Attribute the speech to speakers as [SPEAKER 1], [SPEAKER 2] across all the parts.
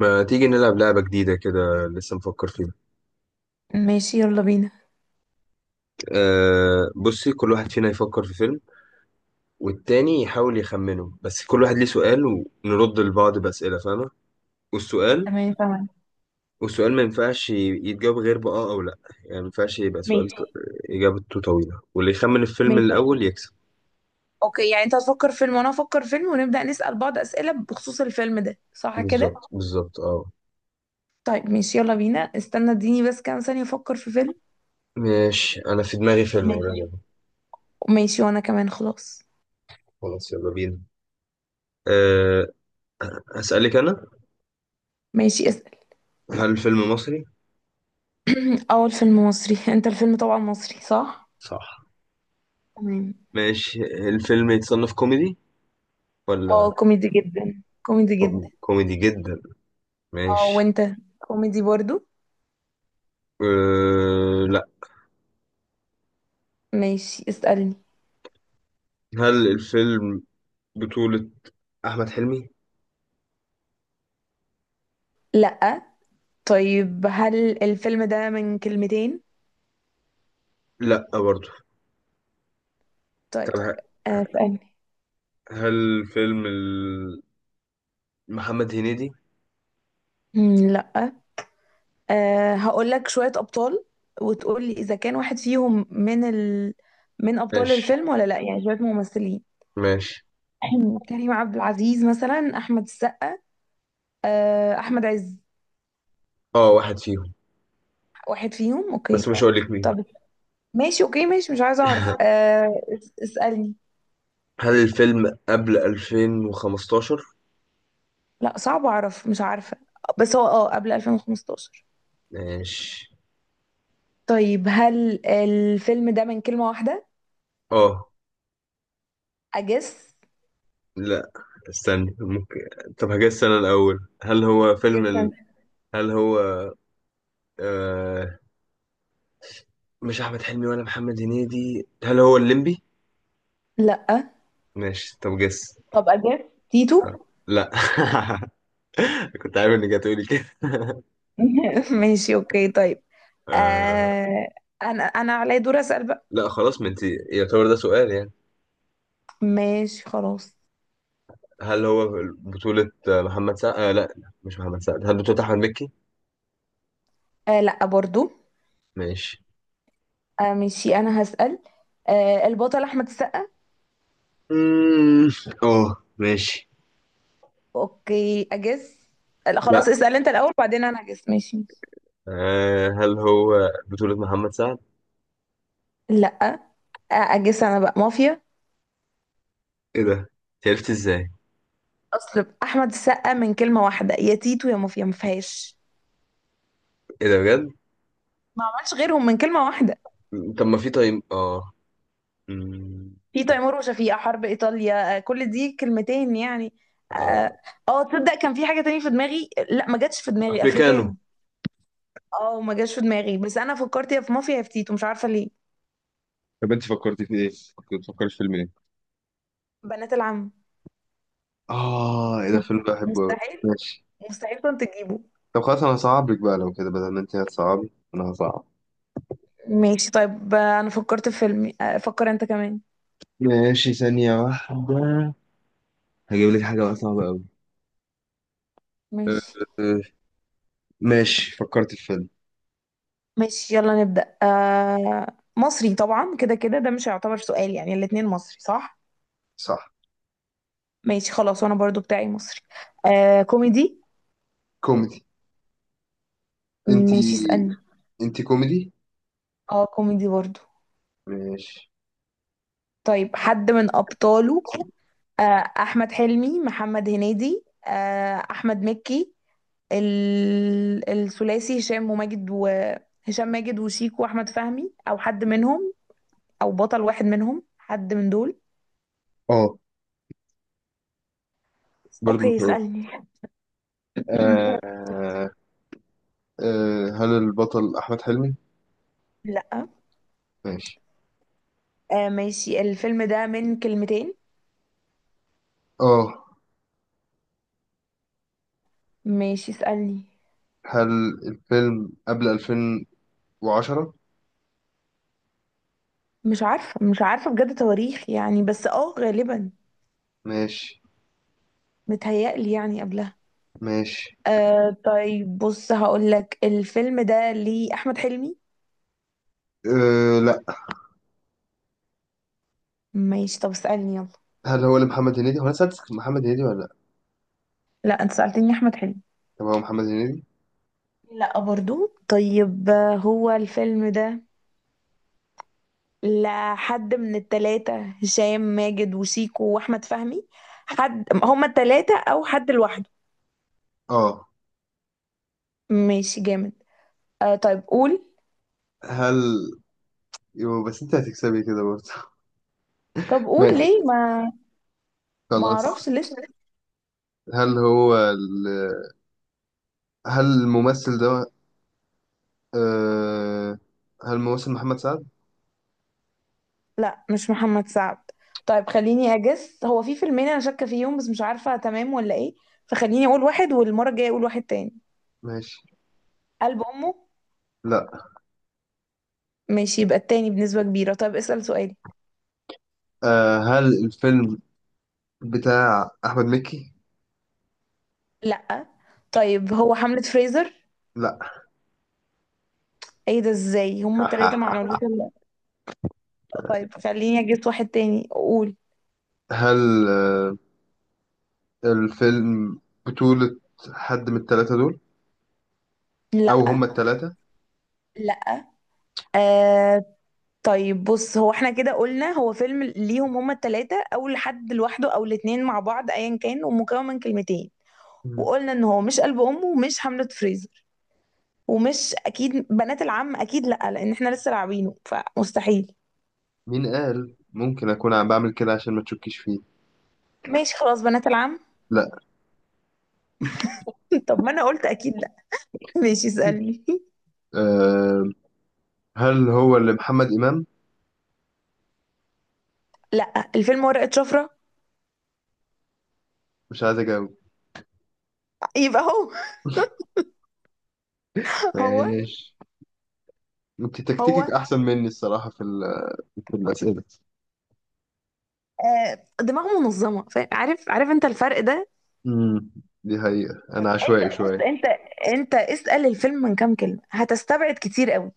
[SPEAKER 1] ما تيجي نلعب لعبة جديدة كده؟ لسه مفكر فيها.
[SPEAKER 2] ماشي، يلا بينا.
[SPEAKER 1] بصي، كل واحد فينا يفكر في فيلم والتاني يحاول يخمنه، بس كل واحد ليه سؤال ونرد لبعض بأسئلة، فاهمة؟ والسؤال
[SPEAKER 2] تمام تمام.
[SPEAKER 1] والسؤال ما ينفعش يتجاوب غير بآه أو لأ. يعني ما ينفعش يبقى سؤال
[SPEAKER 2] ماشي.
[SPEAKER 1] إجابته طويلة، واللي يخمن الفيلم
[SPEAKER 2] ماشي.
[SPEAKER 1] الأول يكسب.
[SPEAKER 2] اوكي، يعني انت هتفكر فيلم وانا هفكر فيلم ونبدأ نسأل بعض أسئلة بخصوص الفيلم ده، صح كده؟
[SPEAKER 1] بالظبط بالظبط، اه.
[SPEAKER 2] طيب ماشي يلا بينا. استنى اديني بس كام ثانية افكر في فيلم.
[SPEAKER 1] ماشي، أنا في دماغي فيلم قريب.
[SPEAKER 2] ماشي. ماشي وانا كمان خلاص.
[SPEAKER 1] خلاص يلا بينا. أه هسألك أنا.
[SPEAKER 2] ماشي اسأل.
[SPEAKER 1] هل الفيلم مصري؟
[SPEAKER 2] اول فيلم مصري. انت الفيلم طبعا مصري، صح؟
[SPEAKER 1] صح.
[SPEAKER 2] تمام.
[SPEAKER 1] ماشي، الفيلم يتصنف كوميدي ولا؟
[SPEAKER 2] اه، كوميدي جدا، كوميدي جدا.
[SPEAKER 1] كوميدي جدا.
[SPEAKER 2] اه
[SPEAKER 1] ماشي.
[SPEAKER 2] وانت؟ كوميدي برضو.
[SPEAKER 1] لا.
[SPEAKER 2] ماشي اسألني.
[SPEAKER 1] هل الفيلم بطولة أحمد حلمي؟
[SPEAKER 2] لا. طيب هل الفيلم ده من كلمتين؟
[SPEAKER 1] لا برضه. طب
[SPEAKER 2] طيب. اسألني.
[SPEAKER 1] هل فيلم محمد هنيدي؟
[SPEAKER 2] لا. هقول لك شوية أبطال وتقول لي إذا كان واحد فيهم من من أبطال
[SPEAKER 1] ماشي،
[SPEAKER 2] الفيلم ولا لا، يعني شوية ممثلين.
[SPEAKER 1] ماشي،
[SPEAKER 2] كريم عبد العزيز مثلا، أحمد السقا. أه أحمد عز.
[SPEAKER 1] اه، واحد فيهم
[SPEAKER 2] واحد فيهم،
[SPEAKER 1] بس
[SPEAKER 2] أوكي.
[SPEAKER 1] مش هقول لك مين.
[SPEAKER 2] طب ماشي أوكي ماشي، مش عايزة أعرف. اسألني.
[SPEAKER 1] هل الفيلم قبل 2015؟
[SPEAKER 2] لا صعب أعرف، مش عارفة. بس هو قبل 2015؟
[SPEAKER 1] ماشي،
[SPEAKER 2] طيب هل الفيلم ده من كلمة واحدة؟
[SPEAKER 1] اه،
[SPEAKER 2] أجس.
[SPEAKER 1] لا، استني ممكن. طب هجاز السنة الأول، هل هو فيلم
[SPEAKER 2] جس أنت.
[SPEAKER 1] هل هو آه... مش أحمد حلمي ولا محمد هنيدي، هل هو الليمبي؟
[SPEAKER 2] لا.
[SPEAKER 1] ماشي. طب جس.
[SPEAKER 2] طب أجس. تيتو.
[SPEAKER 1] لا. كنت عارف انك هتقولي كده.
[SPEAKER 2] ماشي اوكي طيب.
[SPEAKER 1] آه...
[SPEAKER 2] آه. انا علي دور اسال بقى.
[SPEAKER 1] لا خلاص، ما انت يعتبر ده سؤال يعني.
[SPEAKER 2] ماشي خلاص.
[SPEAKER 1] هل هو بطولة محمد سعد؟ آه لا، مش محمد سعد. هل بطولة أحمد مكي؟
[SPEAKER 2] آه لا برضو.
[SPEAKER 1] ماشي.
[SPEAKER 2] آه ماشي انا هسال. آه البطل احمد السقا.
[SPEAKER 1] مم، اه، ماشي.
[SPEAKER 2] اوكي اجس. لا
[SPEAKER 1] لا.
[SPEAKER 2] خلاص اسال انت الاول، بعدين انا اجس. ماشي.
[SPEAKER 1] هل هو بطولة محمد سعد؟
[SPEAKER 2] لا. آه اجس انا بقى، مافيا.
[SPEAKER 1] ايه ده، أنت عرفت ازاي؟
[SPEAKER 2] اصل احمد السقا من كلمه واحده يا تيتو يا مافيا، ما فيهاش.
[SPEAKER 1] ايه ده بجد.
[SPEAKER 2] ما عملش غيرهم من كلمه واحده.
[SPEAKER 1] طب ما في، طيب اه، مم،
[SPEAKER 2] في تيمور، وشفيقة، حرب إيطاليا، كل دي كلمتين يعني.
[SPEAKER 1] آه.
[SPEAKER 2] اه. تصدق كان في حاجة تانية في دماغي، لا ما جاتش في دماغي،
[SPEAKER 1] افريكانو.
[SPEAKER 2] أفريكانو. اه ما جاتش في دماغي، بس أنا فكرت يا في مافيا يا في تيتو، مش عارفة ليه.
[SPEAKER 1] طب انت فكرتي في ايه؟ كنت بتفكري في فيلم ايه؟
[SPEAKER 2] بنات العم.
[SPEAKER 1] اه، ايه ده، فيلم بحبه أوي.
[SPEAKER 2] مستحيل.
[SPEAKER 1] ماشي.
[SPEAKER 2] مستحيل كنت تجيبه.
[SPEAKER 1] طب خلاص، انا هصعب لك بقى. لو كده بدل ما انت هتصعبي انا هصعب.
[SPEAKER 2] ماشي طيب. أنا فكرت في فيلم، فكر أنت كمان.
[SPEAKER 1] ماشي، ثانية واحدة. هجيب لك حاجة بقى صعبة أوي. أه،
[SPEAKER 2] ماشي.
[SPEAKER 1] أه، ماشي، فكرت في فيلم.
[SPEAKER 2] ماشي يلا نبدأ. آه مصري طبعا، كده كده ده مش هيعتبر سؤال، يعني الاتنين مصري، صح؟
[SPEAKER 1] صح.
[SPEAKER 2] ماشي خلاص، وأنا برضو بتاعي مصري. آه كوميدي.
[SPEAKER 1] كوميدي. انت.
[SPEAKER 2] ماشي اسألني.
[SPEAKER 1] انت كوميدي؟
[SPEAKER 2] اه كوميدي برضو.
[SPEAKER 1] ماشي،
[SPEAKER 2] طيب حد من أبطاله آه، أحمد حلمي، محمد هنيدي، أحمد مكي، الثلاثي هشام وماجد، وهشام ماجد وشيكو وأحمد فهمي، أو حد منهم، أو بطل واحد منهم، حد من دول.
[SPEAKER 1] اه، بس برضه مش
[SPEAKER 2] أوكي
[SPEAKER 1] هقول.
[SPEAKER 2] اسألني.
[SPEAKER 1] أه، أه، هل البطل أحمد حلمي؟
[SPEAKER 2] لأ.
[SPEAKER 1] ماشي،
[SPEAKER 2] ماشي. الفيلم ده من كلمتين.
[SPEAKER 1] اه.
[SPEAKER 2] ماشي اسألني.
[SPEAKER 1] هل الفيلم قبل 2010؟
[SPEAKER 2] مش عارفة، مش عارفة بجد تواريخ يعني، بس اه غالبا
[SPEAKER 1] ماشي.
[SPEAKER 2] متهيألي يعني قبلها.
[SPEAKER 1] ماشي،
[SPEAKER 2] آه طيب بص، هقول لك الفيلم ده ليه احمد حلمي.
[SPEAKER 1] لا.
[SPEAKER 2] ماشي طب اسالني يلا.
[SPEAKER 1] هل هو لمحمد هنيدي؟ هو انا سألتك محمد هنيدي ولا لا؟
[SPEAKER 2] لا انت سالتني احمد حلمي.
[SPEAKER 1] طب هو محمد هنيدي؟
[SPEAKER 2] لا برضو. طيب هو الفيلم ده لحد من التلاتة، هشام ماجد وشيكو واحمد فهمي، حد هما التلاتة او حد لوحده.
[SPEAKER 1] اه،
[SPEAKER 2] ماشي جامد. آه طيب قول.
[SPEAKER 1] هل يو، بس انت هتكسبي كده برضه.
[SPEAKER 2] طب قول
[SPEAKER 1] ماشي
[SPEAKER 2] ليه ما. ما
[SPEAKER 1] خلاص.
[SPEAKER 2] اعرفش لسه.
[SPEAKER 1] هل هو ال... هل الممثل ده آه... هل الممثل محمد سعد؟
[SPEAKER 2] لا، مش محمد سعد. طيب خليني اجس، هو في فيلمين انا شاكه فيهم بس مش عارفه تمام ولا ايه، فخليني اقول واحد والمره الجايه اقول واحد تاني.
[SPEAKER 1] ماشي.
[SPEAKER 2] قلب امه.
[SPEAKER 1] لا.
[SPEAKER 2] ماشي، يبقى التاني بنسبه كبيره. طيب اسال سؤالي.
[SPEAKER 1] هل الفيلم بتاع أحمد مكي؟
[SPEAKER 2] لا. طيب هو حملة فريزر؟
[SPEAKER 1] لا.
[SPEAKER 2] ايه ده، ازاي هما التلاتة ما عملوش الا. طيب خليني اجس واحد تاني اقول.
[SPEAKER 1] هل الفيلم بطولة حد من التلاتة دول؟
[SPEAKER 2] لا.
[SPEAKER 1] أو هما التلاتة؟
[SPEAKER 2] لا. آه طيب بص، هو احنا كده قلنا هو فيلم ليهم هما التلاتة او لحد لوحده او الاتنين مع بعض ايا كان، ومكون من كلمتين.
[SPEAKER 1] مم.
[SPEAKER 2] وقلنا ان هو مش قلب امه ومش حملة فريزر، ومش اكيد بنات العم، اكيد لا، لان احنا لسه لاعبينه فمستحيل.
[SPEAKER 1] مين قال؟ ممكن أكون عم بعمل كده عشان ما تشكيش فيه.
[SPEAKER 2] ماشي خلاص، بنات العم.
[SPEAKER 1] لا.
[SPEAKER 2] طب ما انا قلت اكيد لا. ماشي اسالني.
[SPEAKER 1] آه هل هو اللي محمد إمام؟
[SPEAKER 2] لا، الفيلم ورقة شفرة.
[SPEAKER 1] مش عايز أجاوب.
[SPEAKER 2] يبقى هو. هو.
[SPEAKER 1] ماشي. انت تكتيكك
[SPEAKER 2] هو
[SPEAKER 1] احسن مني الصراحه في في الاسئله.
[SPEAKER 2] آه دماغه منظمة، فاهم؟ عارف عارف انت الفرق ده.
[SPEAKER 1] امم. دي حقيقه، انا عشوائي
[SPEAKER 2] انت بص
[SPEAKER 1] شويه.
[SPEAKER 2] انت، انت اسأل الفيلم من كام كلمة هتستبعد كتير قوي.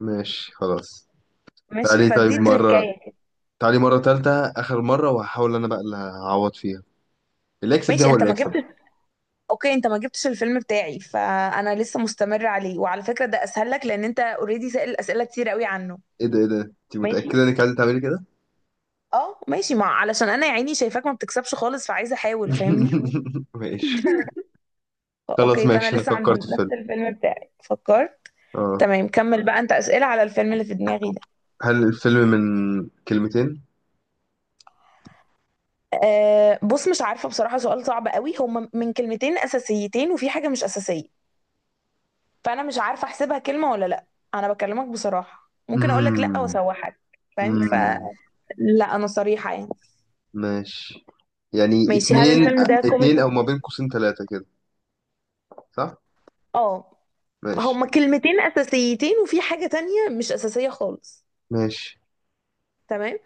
[SPEAKER 1] ماشي خلاص.
[SPEAKER 2] ماشي
[SPEAKER 1] تعالي طيب
[SPEAKER 2] فدي
[SPEAKER 1] مره،
[SPEAKER 2] تركاية كده.
[SPEAKER 1] تعالي مره تالتة، اخر مره وهحاول انا بقى اللي هعوض فيها. اللي يكسب دي
[SPEAKER 2] ماشي
[SPEAKER 1] هو
[SPEAKER 2] انت
[SPEAKER 1] اللي
[SPEAKER 2] ما
[SPEAKER 1] يكسب.
[SPEAKER 2] جبتش. اوكي انت ما جبتش الفيلم بتاعي، فانا لسه مستمر عليه، وعلى فكره ده اسهل لك لان انت اوريدي سائل اسئله كتير قوي عنه.
[SPEAKER 1] ايه ده، ايه ده، انت
[SPEAKER 2] ماشي.
[SPEAKER 1] متاكده انك عايزه تعملي كده؟
[SPEAKER 2] اه ماشي ما علشان انا يا عيني شايفاك ما بتكسبش خالص، فعايزه احاول فاهمني.
[SPEAKER 1] ماشي خلاص.
[SPEAKER 2] اوكي، فانا
[SPEAKER 1] ماشي، انا
[SPEAKER 2] لسه عند
[SPEAKER 1] فكرت في
[SPEAKER 2] نفس
[SPEAKER 1] فيلم،
[SPEAKER 2] الفيلم بتاعي فكرت.
[SPEAKER 1] اه.
[SPEAKER 2] تمام كمل بقى انت اسئله على الفيلم اللي في دماغي ده.
[SPEAKER 1] هل الفيلم من كلمتين؟
[SPEAKER 2] أه بص مش عارفه بصراحه، سؤال صعب قوي. هما من كلمتين اساسيتين وفي حاجه مش اساسيه، فانا مش عارفه احسبها كلمه ولا لا. انا بكلمك بصراحه، ممكن اقول لك لا
[SPEAKER 1] امم
[SPEAKER 2] واسوحك، فاهم؟
[SPEAKER 1] امم
[SPEAKER 2] لا انا صريحة يعني.
[SPEAKER 1] ماشي، يعني
[SPEAKER 2] ماشي هل
[SPEAKER 1] اتنين.
[SPEAKER 2] الفيلم ده كوميدي؟
[SPEAKER 1] اتنين او ما بين قوسين تلاتة كده. صح.
[SPEAKER 2] اه
[SPEAKER 1] ماشي.
[SPEAKER 2] هما كلمتين اساسيتين وفي حاجة تانية مش اساسية خالص.
[SPEAKER 1] ماشي،
[SPEAKER 2] تمام.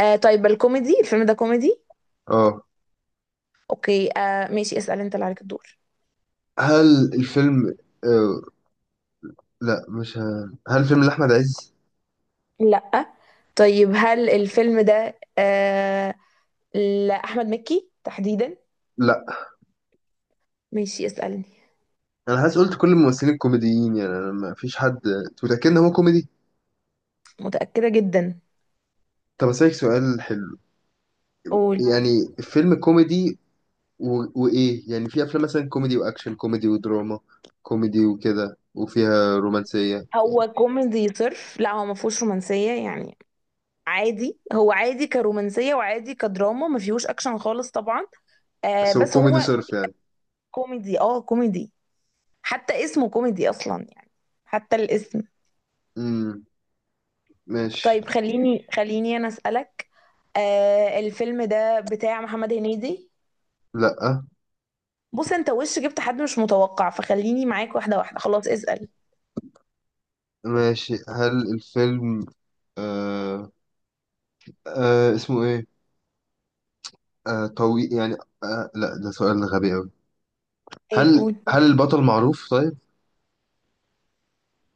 [SPEAKER 2] آه طيب الكوميدي، الفيلم ده كوميدي.
[SPEAKER 1] اه.
[SPEAKER 2] اوكي آه ماشي اسأل انت اللي عليك الدور.
[SPEAKER 1] هل الفيلم آه لا، مش هل الفيلم لأحمد عز؟
[SPEAKER 2] لا. طيب هل الفيلم ده آه لأحمد مكي تحديدا؟
[SPEAKER 1] لا.
[SPEAKER 2] ماشي اسألني.
[SPEAKER 1] انا حاسس قلت كل الممثلين كوميديين، يعني انا ما فيش حد. أنت متأكد ان هو كوميدي؟
[SPEAKER 2] متأكدة جدا.
[SPEAKER 1] طب اسالك سؤال حلو.
[SPEAKER 2] قول.
[SPEAKER 1] يعني فيلم كوميدي وايه يعني؟ في افلام مثلا كوميدي واكشن، كوميدي ودراما، كوميدي وكده وفيها رومانسية.
[SPEAKER 2] هو كوميدي صرف، لا هو ما فيهوش رومانسية يعني، عادي، هو عادي كرومانسية وعادي كدراما، ما فيهوش اكشن خالص طبعا. آه
[SPEAKER 1] بس هو
[SPEAKER 2] بس
[SPEAKER 1] كوميدي
[SPEAKER 2] هو
[SPEAKER 1] صرف يعني؟
[SPEAKER 2] كوميدي، اه كوميدي، حتى اسمه كوميدي اصلا يعني، حتى الاسم.
[SPEAKER 1] امم ماشي.
[SPEAKER 2] طيب خليني انا اسالك. آه الفيلم ده بتاع محمد هنيدي؟
[SPEAKER 1] لا.
[SPEAKER 2] بص انت وش جبت حد مش متوقع، فخليني معاك واحده واحده، خلاص اسال.
[SPEAKER 1] ماشي، هل الفيلم آه اسمه ايه؟ طويل يعني؟ لا، ده سؤال غبي قوي.
[SPEAKER 2] ايه
[SPEAKER 1] هل
[SPEAKER 2] قول.
[SPEAKER 1] هل البطل معروف طيب؟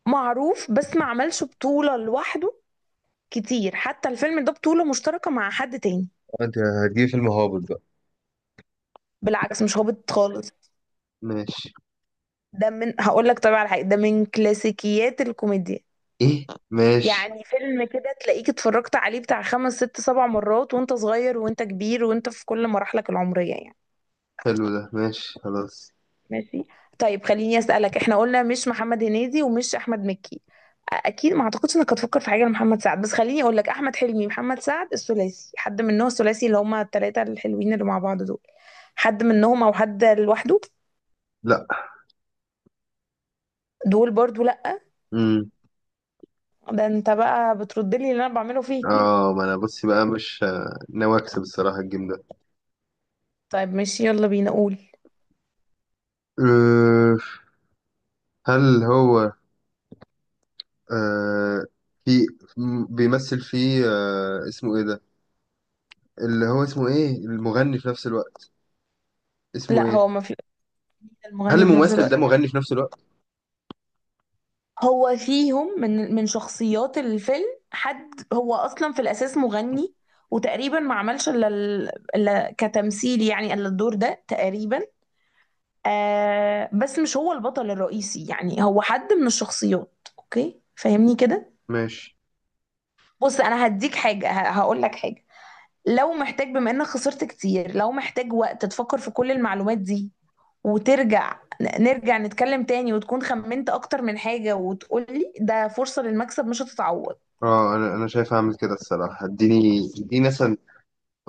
[SPEAKER 2] معروف بس ما عملش بطوله لوحده كتير، حتى الفيلم ده بطوله مشتركه مع حد تاني.
[SPEAKER 1] انت هتجيب فيلم هابط بقى؟
[SPEAKER 2] بالعكس مش هابط خالص.
[SPEAKER 1] ماشي.
[SPEAKER 2] ده من، هقول لك طبعا على حاجه، ده من كلاسيكيات الكوميديا.
[SPEAKER 1] ايه، ماشي.
[SPEAKER 2] يعني فيلم كده تلاقيك اتفرجت عليه بتاع خمس ست سبع مرات، وانت صغير وانت كبير وانت في كل مراحلك العمرية يعني.
[SPEAKER 1] حلو ده، ماشي خلاص.
[SPEAKER 2] ماشي. طيب خليني اسألك، احنا قلنا مش محمد هنيدي ومش احمد مكي. اكيد ما اعتقدش انك هتفكر في حاجة لمحمد سعد، بس خليني اقول لك، احمد حلمي، محمد سعد، الثلاثي، حد منهم، الثلاثي اللي هما الثلاثة الحلوين اللي مع بعض دول، حد منهم او حد لوحده.
[SPEAKER 1] لا.
[SPEAKER 2] دول برضو لا.
[SPEAKER 1] امم.
[SPEAKER 2] ده انت بقى بترد لي اللي انا بعمله فيك.
[SPEAKER 1] اه، ما انا بصي بقى مش ناوي اكسب الصراحة الجيم ده.
[SPEAKER 2] طيب ماشي يلا بينا قول.
[SPEAKER 1] أه هل هو أه في بيمثل فيه، اسمه ايه ده، اللي هو اسمه ايه المغني في نفس الوقت؟ اسمه
[SPEAKER 2] لا
[SPEAKER 1] ايه؟
[SPEAKER 2] هو ما في.
[SPEAKER 1] هل
[SPEAKER 2] المغني في نفس
[SPEAKER 1] الممثل ده
[SPEAKER 2] الوقت.
[SPEAKER 1] مغني في نفس الوقت؟
[SPEAKER 2] هو فيهم من شخصيات الفيلم، حد هو اصلا في الاساس مغني، وتقريبا ما عملش الا الا كتمثيل يعني، الا الدور ده تقريبا. آه بس مش هو البطل الرئيسي، يعني هو حد من الشخصيات، اوكي فاهمني كده؟
[SPEAKER 1] ماشي،
[SPEAKER 2] بص انا هديك حاجه، هقول لك حاجه، لو محتاج بما انك خسرت كتير، لو محتاج وقت تفكر في كل المعلومات دي وترجع، نرجع نتكلم تاني وتكون خمنت اكتر من حاجه، وتقولي ده فرصه للمكسب مش هتتعوض.
[SPEAKER 1] اه. انا شايف اعمل كده الصراحة. اديني اديني مثلا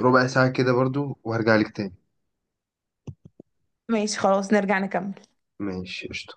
[SPEAKER 1] ربع ساعة كده برضو، وهرجع لك تاني.
[SPEAKER 2] ماشي خلاص نرجع نكمل.
[SPEAKER 1] ماشي قشطة.